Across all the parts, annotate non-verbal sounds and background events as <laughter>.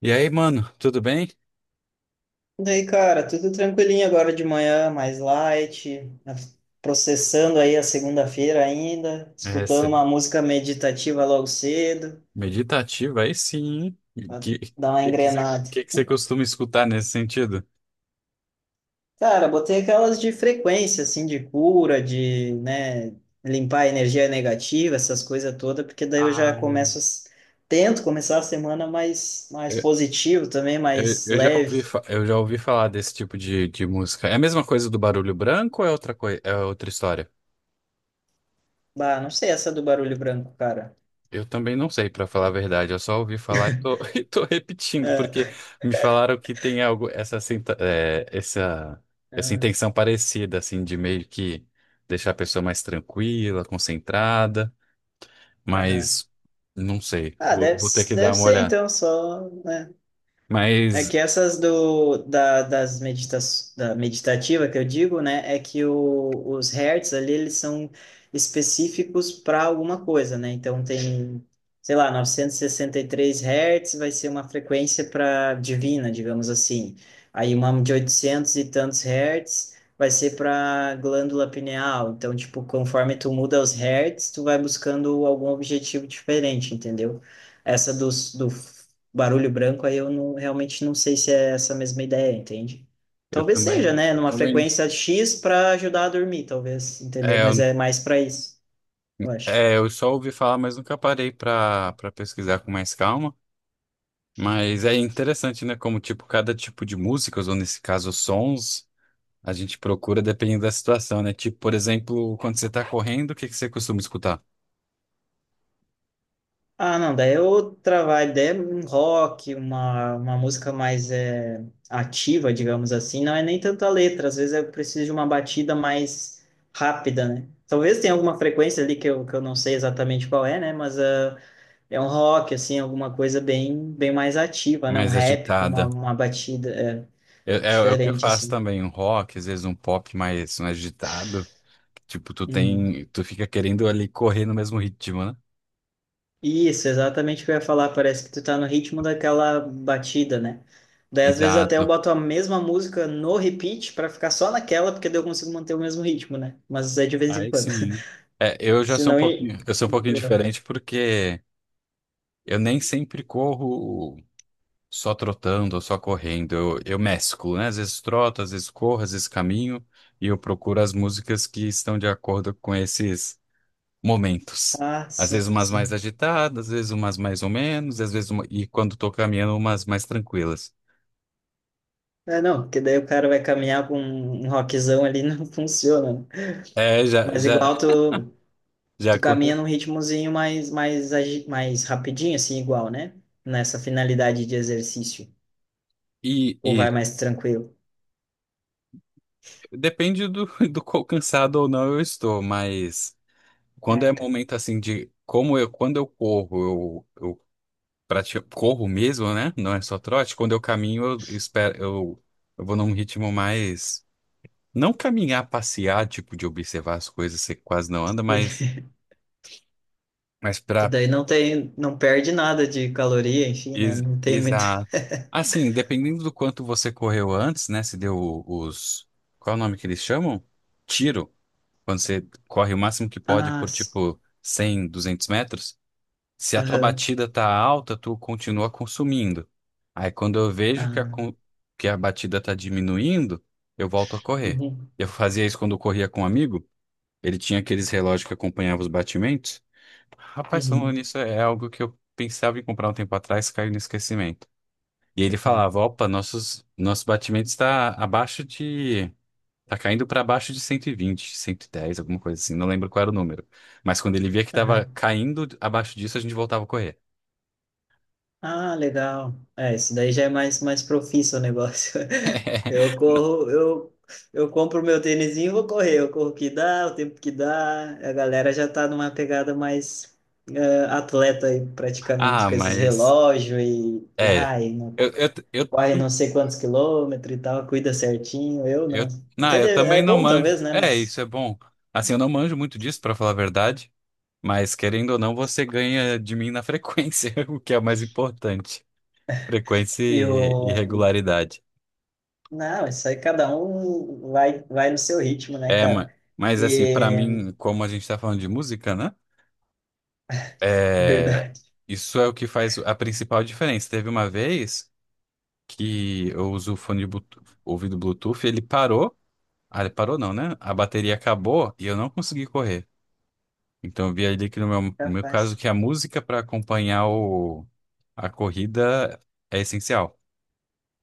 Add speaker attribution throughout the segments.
Speaker 1: E aí, mano, tudo bem?
Speaker 2: Daí, cara, tudo tranquilinho agora de manhã, mais light, né, processando aí a segunda-feira ainda, escutando
Speaker 1: Essa
Speaker 2: uma música meditativa logo cedo,
Speaker 1: meditativa aí sim, hein?
Speaker 2: pra
Speaker 1: Que
Speaker 2: dar uma
Speaker 1: que que você
Speaker 2: engrenada.
Speaker 1: que que você costuma escutar nesse sentido?
Speaker 2: Cara, botei aquelas de frequência, assim, de cura, de, né, limpar a energia negativa, essas coisas todas, porque daí eu já
Speaker 1: Ah.
Speaker 2: começo, tento começar a semana mais, mais
Speaker 1: Eu,
Speaker 2: positivo também,
Speaker 1: eu,
Speaker 2: mais
Speaker 1: eu já ouvi,
Speaker 2: leve.
Speaker 1: eu já ouvi falar desse tipo de música. É a mesma coisa do barulho branco ou é outra coisa, é outra história?
Speaker 2: Bah, não sei essa do barulho branco, cara.
Speaker 1: Eu também não sei, pra falar a verdade. Eu só ouvi falar e tô, <laughs> e tô repetindo, porque
Speaker 2: É.
Speaker 1: me falaram que tem algo, essa, sinta- é, essa
Speaker 2: Ah,
Speaker 1: intenção parecida, assim, de meio que deixar a pessoa mais tranquila, concentrada.
Speaker 2: aham.
Speaker 1: Mas não sei.
Speaker 2: Ah,
Speaker 1: Vou ter que dar
Speaker 2: deve
Speaker 1: uma
Speaker 2: ser
Speaker 1: olhada.
Speaker 2: então só, né? É
Speaker 1: Mas
Speaker 2: que essas do, da, das meditas, da meditativa que eu digo, né, é que os hertz ali, eles são específicos para alguma coisa, né? Então tem, sei lá, novecentos e 63 hertz vai ser uma frequência para divina, digamos assim. Aí uma de 800 e tantos hertz vai ser para glândula pineal. Então, tipo, conforme tu muda os hertz, tu vai buscando algum objetivo diferente, entendeu? Essa do barulho branco, aí eu realmente não sei se é essa mesma ideia, entende? Talvez seja, né?
Speaker 1: eu
Speaker 2: Numa
Speaker 1: também,
Speaker 2: frequência X para ajudar a dormir, talvez, entendeu?
Speaker 1: é,
Speaker 2: Mas
Speaker 1: eu,
Speaker 2: é mais para isso, eu acho.
Speaker 1: é, eu só ouvi falar, mas nunca parei para pesquisar com mais calma. Mas é interessante, né? Como tipo cada tipo de músicas, ou nesse caso sons, a gente procura dependendo da situação, né? Tipo, por exemplo, quando você tá correndo, o que que você costuma escutar?
Speaker 2: Ah, não, daí é outra vibe, daí é um rock, uma música mais ativa, digamos assim, não é nem tanta letra, às vezes eu preciso de uma batida mais rápida, né? Talvez tenha alguma frequência ali que que eu não sei exatamente qual é, né? Mas é um rock, assim, alguma coisa bem, bem mais ativa, né? Um
Speaker 1: Mais
Speaker 2: rap com
Speaker 1: agitada.
Speaker 2: uma batida
Speaker 1: É o que eu
Speaker 2: diferente,
Speaker 1: faço
Speaker 2: assim.
Speaker 1: também, um rock, às vezes um pop mais, mais agitado. Tipo, tu
Speaker 2: Uhum.
Speaker 1: tem, tu fica querendo ali correr no mesmo ritmo, né?
Speaker 2: Isso, exatamente o que eu ia falar. Parece que tu tá no ritmo daquela batida, né? Daí, às vezes, até eu
Speaker 1: Exato.
Speaker 2: boto a mesma música no repeat pra ficar só naquela, porque daí eu consigo manter o mesmo ritmo, né? Mas é de vez em
Speaker 1: Aí
Speaker 2: quando.
Speaker 1: sim. É,
Speaker 2: <laughs> Senão, en-
Speaker 1: eu sou um pouquinho
Speaker 2: Enjoa.
Speaker 1: diferente porque eu nem sempre corro só trotando ou só correndo. Eu mesclo, né? Às vezes troto, às vezes corro, às vezes caminho e eu procuro as músicas que estão de acordo com esses momentos.
Speaker 2: Ah,
Speaker 1: Às vezes
Speaker 2: sim,
Speaker 1: umas mais
Speaker 2: sim.
Speaker 1: agitadas, às vezes umas mais ou menos, e quando estou caminhando umas mais tranquilas.
Speaker 2: É, não, porque daí o cara vai caminhar com um rockzão ali, <laughs> não funciona, né?
Speaker 1: É, já,
Speaker 2: Mas
Speaker 1: já, já
Speaker 2: tu caminha
Speaker 1: acontece.
Speaker 2: num ritmozinho mais rapidinho, assim, igual, né? Nessa finalidade de exercício.
Speaker 1: E,
Speaker 2: Ou
Speaker 1: e
Speaker 2: vai mais tranquilo?
Speaker 1: depende do, <laughs> do quão cansado ou não eu estou, mas quando é
Speaker 2: Ah, tá.
Speaker 1: momento assim de como eu quando eu corro, eu pratico, corro mesmo, né? Não é só trote. Quando eu caminho, eu espero, eu vou num ritmo mais não caminhar, passear, tipo de observar as coisas, você quase não anda,
Speaker 2: <laughs>
Speaker 1: mas
Speaker 2: Que
Speaker 1: para
Speaker 2: daí não tem, não perde nada de caloria, enfim, né? Não tem muito.
Speaker 1: exato. Assim, dependendo do quanto você correu antes, né? Se deu os qual é o nome que eles chamam? Tiro, quando você corre o máximo que pode
Speaker 2: Ah,
Speaker 1: por
Speaker 2: s-
Speaker 1: tipo 100, 200 metros. Se a tua
Speaker 2: aham,
Speaker 1: batida tá alta, tu continua consumindo. Aí quando eu vejo
Speaker 2: ah,
Speaker 1: que a batida tá diminuindo, eu volto a correr.
Speaker 2: uhum,
Speaker 1: Eu fazia isso quando eu corria com um amigo, ele tinha aqueles relógios que acompanhavam os batimentos. Rapaz, falando
Speaker 2: uhum,
Speaker 1: nisso, é algo que eu pensava em comprar um tempo atrás, caiu no esquecimento. E ele
Speaker 2: uhum,
Speaker 1: falava: opa, nosso batimento está abaixo de... Tá caindo para baixo de 120, 110, alguma coisa assim, não lembro qual era o número. Mas quando ele via que estava
Speaker 2: aham.
Speaker 1: caindo abaixo disso, a gente voltava a correr.
Speaker 2: Ah, legal. É, isso daí já é mais, mais profício o negócio. <laughs>
Speaker 1: <laughs>
Speaker 2: Eu corro, eu, eu compro meu tênisinho e vou correr. Eu corro o que dá, o tempo que dá. A galera já tá numa pegada mais atleta aí, praticamente,
Speaker 1: Ah,
Speaker 2: com esses
Speaker 1: mas
Speaker 2: relógios e, e,
Speaker 1: é.
Speaker 2: ai, não,
Speaker 1: Eu, eu, eu,
Speaker 2: corre não sei quantos quilômetros e tal, cuida certinho. Eu não.
Speaker 1: não, eu
Speaker 2: É
Speaker 1: também não
Speaker 2: bom,
Speaker 1: manjo.
Speaker 2: talvez, né?
Speaker 1: É,
Speaker 2: Mas.
Speaker 1: isso é bom. Assim, eu não manjo muito disso, pra falar a verdade, mas querendo ou não, você ganha de mim na frequência, <laughs> o que é o mais importante. Frequência
Speaker 2: E
Speaker 1: e
Speaker 2: o.
Speaker 1: regularidade.
Speaker 2: Não, isso aí cada um vai, vai no seu ritmo, né,
Speaker 1: É, ma-
Speaker 2: cara?
Speaker 1: mas assim, pra
Speaker 2: E.
Speaker 1: mim, como a gente tá falando de música, né?
Speaker 2: <laughs>
Speaker 1: É,
Speaker 2: Verdade.
Speaker 1: isso é o que faz a principal diferença. Teve uma vez que eu uso o fone de Bluetooth, ouvido Bluetooth, ele parou. Ah, ele parou não, né? A bateria acabou e eu não consegui correr. Então eu vi ali que no meu caso
Speaker 2: Capaz.
Speaker 1: que a música para acompanhar a corrida é essencial.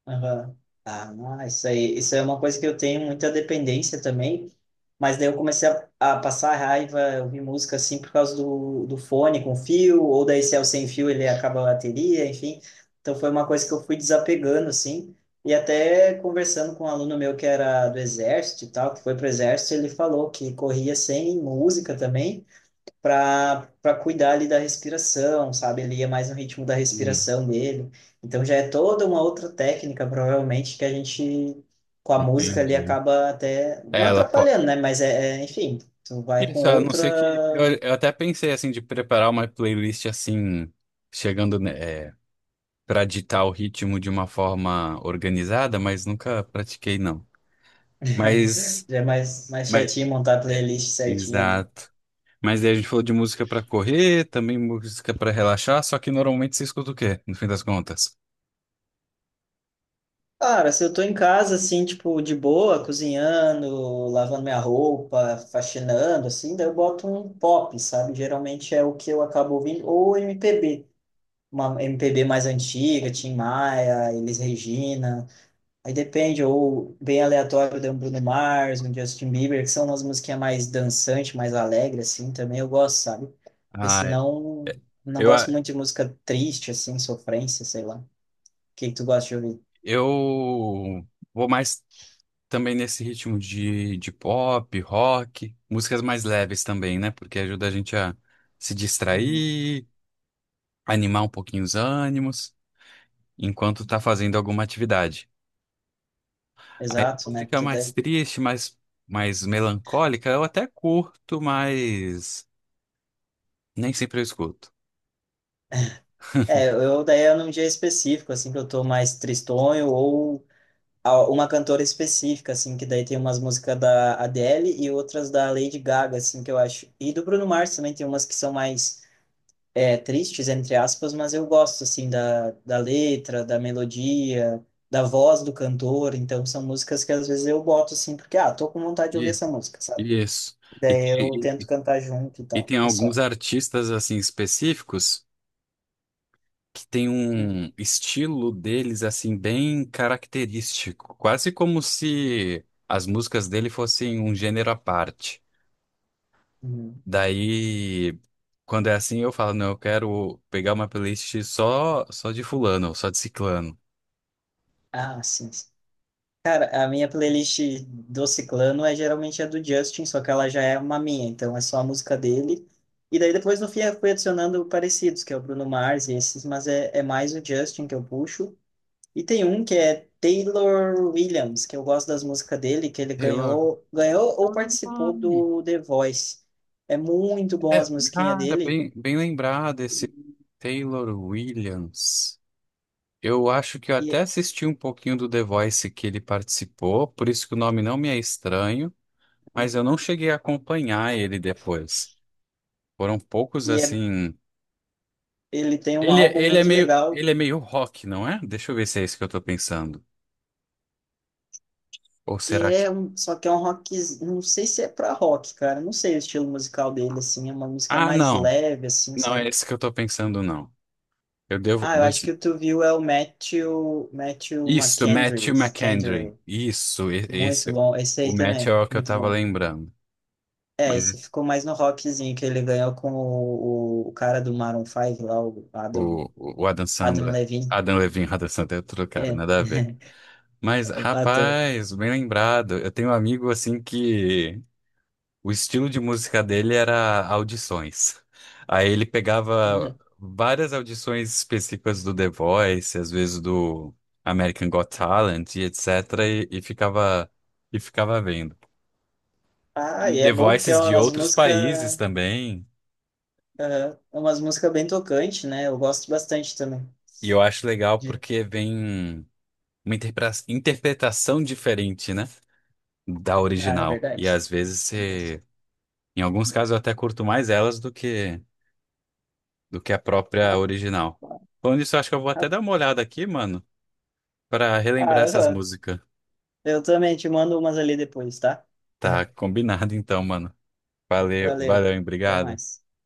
Speaker 2: Aham. Ah, isso aí, isso é uma coisa que eu tenho muita dependência também, mas daí eu comecei a passar raiva, eu ouvir música assim por causa do fone com fio, ou daí se é o sem fio ele acaba a bateria, enfim. Então foi uma coisa que eu fui desapegando assim, e até conversando com um aluno meu que era do exército e tal, que foi pro exército, ele falou que corria sem música também, para cuidar ali da respiração, sabe? Ele ia mais no ritmo da
Speaker 1: Hum,
Speaker 2: respiração dele. Então já é toda uma outra técnica, provavelmente, que a gente, com a música ali,
Speaker 1: entendi.
Speaker 2: acaba até
Speaker 1: É,
Speaker 2: não
Speaker 1: ela pode.
Speaker 2: atrapalhando, né? Mas enfim, tu vai com
Speaker 1: Isso, a não
Speaker 2: outra.
Speaker 1: ser que. Eu até pensei assim de preparar uma playlist assim, chegando, né, é, para ditar o ritmo de uma forma organizada, mas nunca pratiquei, não. Mas.
Speaker 2: Já é mais, mais
Speaker 1: Mas
Speaker 2: chatinho montar a
Speaker 1: é,
Speaker 2: playlist certinha, né?
Speaker 1: exato. Mas daí a gente falou de música pra correr, também música pra relaxar, só que normalmente você escuta o quê, no fim das contas?
Speaker 2: Cara, se eu tô em casa, assim, tipo, de boa, cozinhando, lavando minha roupa, faxinando, assim, daí eu boto um pop, sabe? Geralmente é o que eu acabo ouvindo, ou MPB, uma MPB mais antiga, Tim Maia, Elis Regina, aí depende, ou bem aleatório, tem um Bruno Mars, um Justin Bieber, que são umas musiquinhas mais dançantes, mais alegre, assim, também eu gosto, sabe? Porque
Speaker 1: Ah,
Speaker 2: senão,
Speaker 1: é-
Speaker 2: não
Speaker 1: eu,
Speaker 2: gosto
Speaker 1: a-
Speaker 2: muito de música triste, assim, sofrência, sei lá. O que que tu gosta de ouvir?
Speaker 1: eu vou mais também nesse ritmo de pop, rock, músicas mais leves também, né? Porque ajuda a gente a se
Speaker 2: Uhum.
Speaker 1: distrair, animar um pouquinho os ânimos, enquanto tá fazendo alguma atividade. Aí
Speaker 2: Exato, né?
Speaker 1: música
Speaker 2: Porque
Speaker 1: mais
Speaker 2: daí...
Speaker 1: triste, mais, mais melancólica, eu até curto, mas nem sempre eu escuto.
Speaker 2: É, eu daí é num dia específico, assim, que eu tô mais tristonho ou uma cantora específica, assim, que daí tem umas músicas da Adele e outras da Lady Gaga, assim, que eu acho. E do Bruno Mars também tem umas que são mais tristes, entre aspas, mas eu gosto, assim, da letra, da melodia, da voz do cantor. Então, são músicas que às vezes eu boto, assim, porque, ah, tô com vontade de ouvir essa música, sabe?
Speaker 1: Isso. E
Speaker 2: Daí
Speaker 1: tem,
Speaker 2: eu tento
Speaker 1: e-
Speaker 2: cantar junto e
Speaker 1: e
Speaker 2: tal,
Speaker 1: tem
Speaker 2: é
Speaker 1: alguns
Speaker 2: só.
Speaker 1: artistas assim específicos que tem
Speaker 2: Uhum.
Speaker 1: um estilo deles assim bem característico, quase como se as músicas dele fossem um gênero à parte.
Speaker 2: Uhum.
Speaker 1: Daí, quando é assim, eu falo, não, eu quero pegar uma playlist só de fulano, só de ciclano.
Speaker 2: Ah, sim, cara, a minha playlist do Ciclano é geralmente a do Justin, só que ela já é uma minha, então é só a música dele. E daí depois no fim eu fui adicionando parecidos, que é o Bruno Mars e esses, mas é mais o Justin que eu puxo. E tem um que é Taylor Williams, que eu gosto das músicas dele, que ele
Speaker 1: Taylor.
Speaker 2: ganhou ou participou
Speaker 1: Ai,
Speaker 2: do The Voice. É muito bom
Speaker 1: é,
Speaker 2: as musiquinhas
Speaker 1: cara,
Speaker 2: dele
Speaker 1: bem, bem lembrado esse Taylor Williams. Eu acho que eu até
Speaker 2: e,
Speaker 1: assisti um pouquinho do The Voice que ele participou, por isso que o nome não me é estranho, mas eu não cheguei a acompanhar ele depois. Foram poucos
Speaker 2: e
Speaker 1: assim.
Speaker 2: ele tem um álbum muito legal.
Speaker 1: Ele é meio rock, não é? Deixa eu ver se é isso que eu tô pensando. Ou será que.
Speaker 2: Só que é um rock, não sei se é pra rock, cara, não sei o estilo musical dele, assim, é uma música
Speaker 1: Ah,
Speaker 2: mais
Speaker 1: não.
Speaker 2: leve, assim,
Speaker 1: Não
Speaker 2: sabe?
Speaker 1: é esse que eu tô pensando, não. Eu devo.
Speaker 2: Ah, eu acho que tu viu é o Matthew,
Speaker 1: Isso, Matthew McCandry.
Speaker 2: McKendry,
Speaker 1: Isso,
Speaker 2: muito
Speaker 1: esse.
Speaker 2: bom, esse
Speaker 1: O
Speaker 2: aí
Speaker 1: Matt é
Speaker 2: também,
Speaker 1: o que eu
Speaker 2: muito
Speaker 1: tava
Speaker 2: bom.
Speaker 1: lembrando.
Speaker 2: É, esse
Speaker 1: Mas
Speaker 2: ficou mais no rockzinho, que ele ganhou com o cara do Maroon 5 lá,
Speaker 1: o Adam
Speaker 2: Adam
Speaker 1: Sandler.
Speaker 2: Levine,
Speaker 1: Adam Levine, <laughs> Adam Sandler é outro cara,
Speaker 2: é,
Speaker 1: nada a ver.
Speaker 2: <laughs>
Speaker 1: Mas,
Speaker 2: é o ator.
Speaker 1: rapaz, bem lembrado. Eu tenho um amigo assim que o estilo de música dele era audições. Aí ele pegava várias audições específicas do The Voice, às vezes do American Got Talent e etc. e, e ficava e ficava vendo.
Speaker 2: Ah,
Speaker 1: E
Speaker 2: e é
Speaker 1: The
Speaker 2: bom porque é
Speaker 1: Voices de
Speaker 2: umas
Speaker 1: outros países também.
Speaker 2: é umas músicas bem tocante, né? Eu gosto bastante também.
Speaker 1: E eu acho legal
Speaker 2: De-
Speaker 1: porque vem uma interpretação diferente, né, da
Speaker 2: Ah, é
Speaker 1: original. E
Speaker 2: verdade.
Speaker 1: às vezes
Speaker 2: Verdade.
Speaker 1: em alguns casos eu até curto mais elas do que a própria
Speaker 2: Rapaz,
Speaker 1: original. Falando nisso, eu acho que eu vou até
Speaker 2: rapaz.
Speaker 1: dar uma olhada aqui, mano, pra relembrar
Speaker 2: Ah,
Speaker 1: essas
Speaker 2: aham.
Speaker 1: músicas.
Speaker 2: Eu também te mando umas ali depois, tá?
Speaker 1: Tá
Speaker 2: <laughs>
Speaker 1: combinado então, mano.
Speaker 2: Valeu.
Speaker 1: Valeu, hein?
Speaker 2: Até
Speaker 1: Obrigado.
Speaker 2: mais.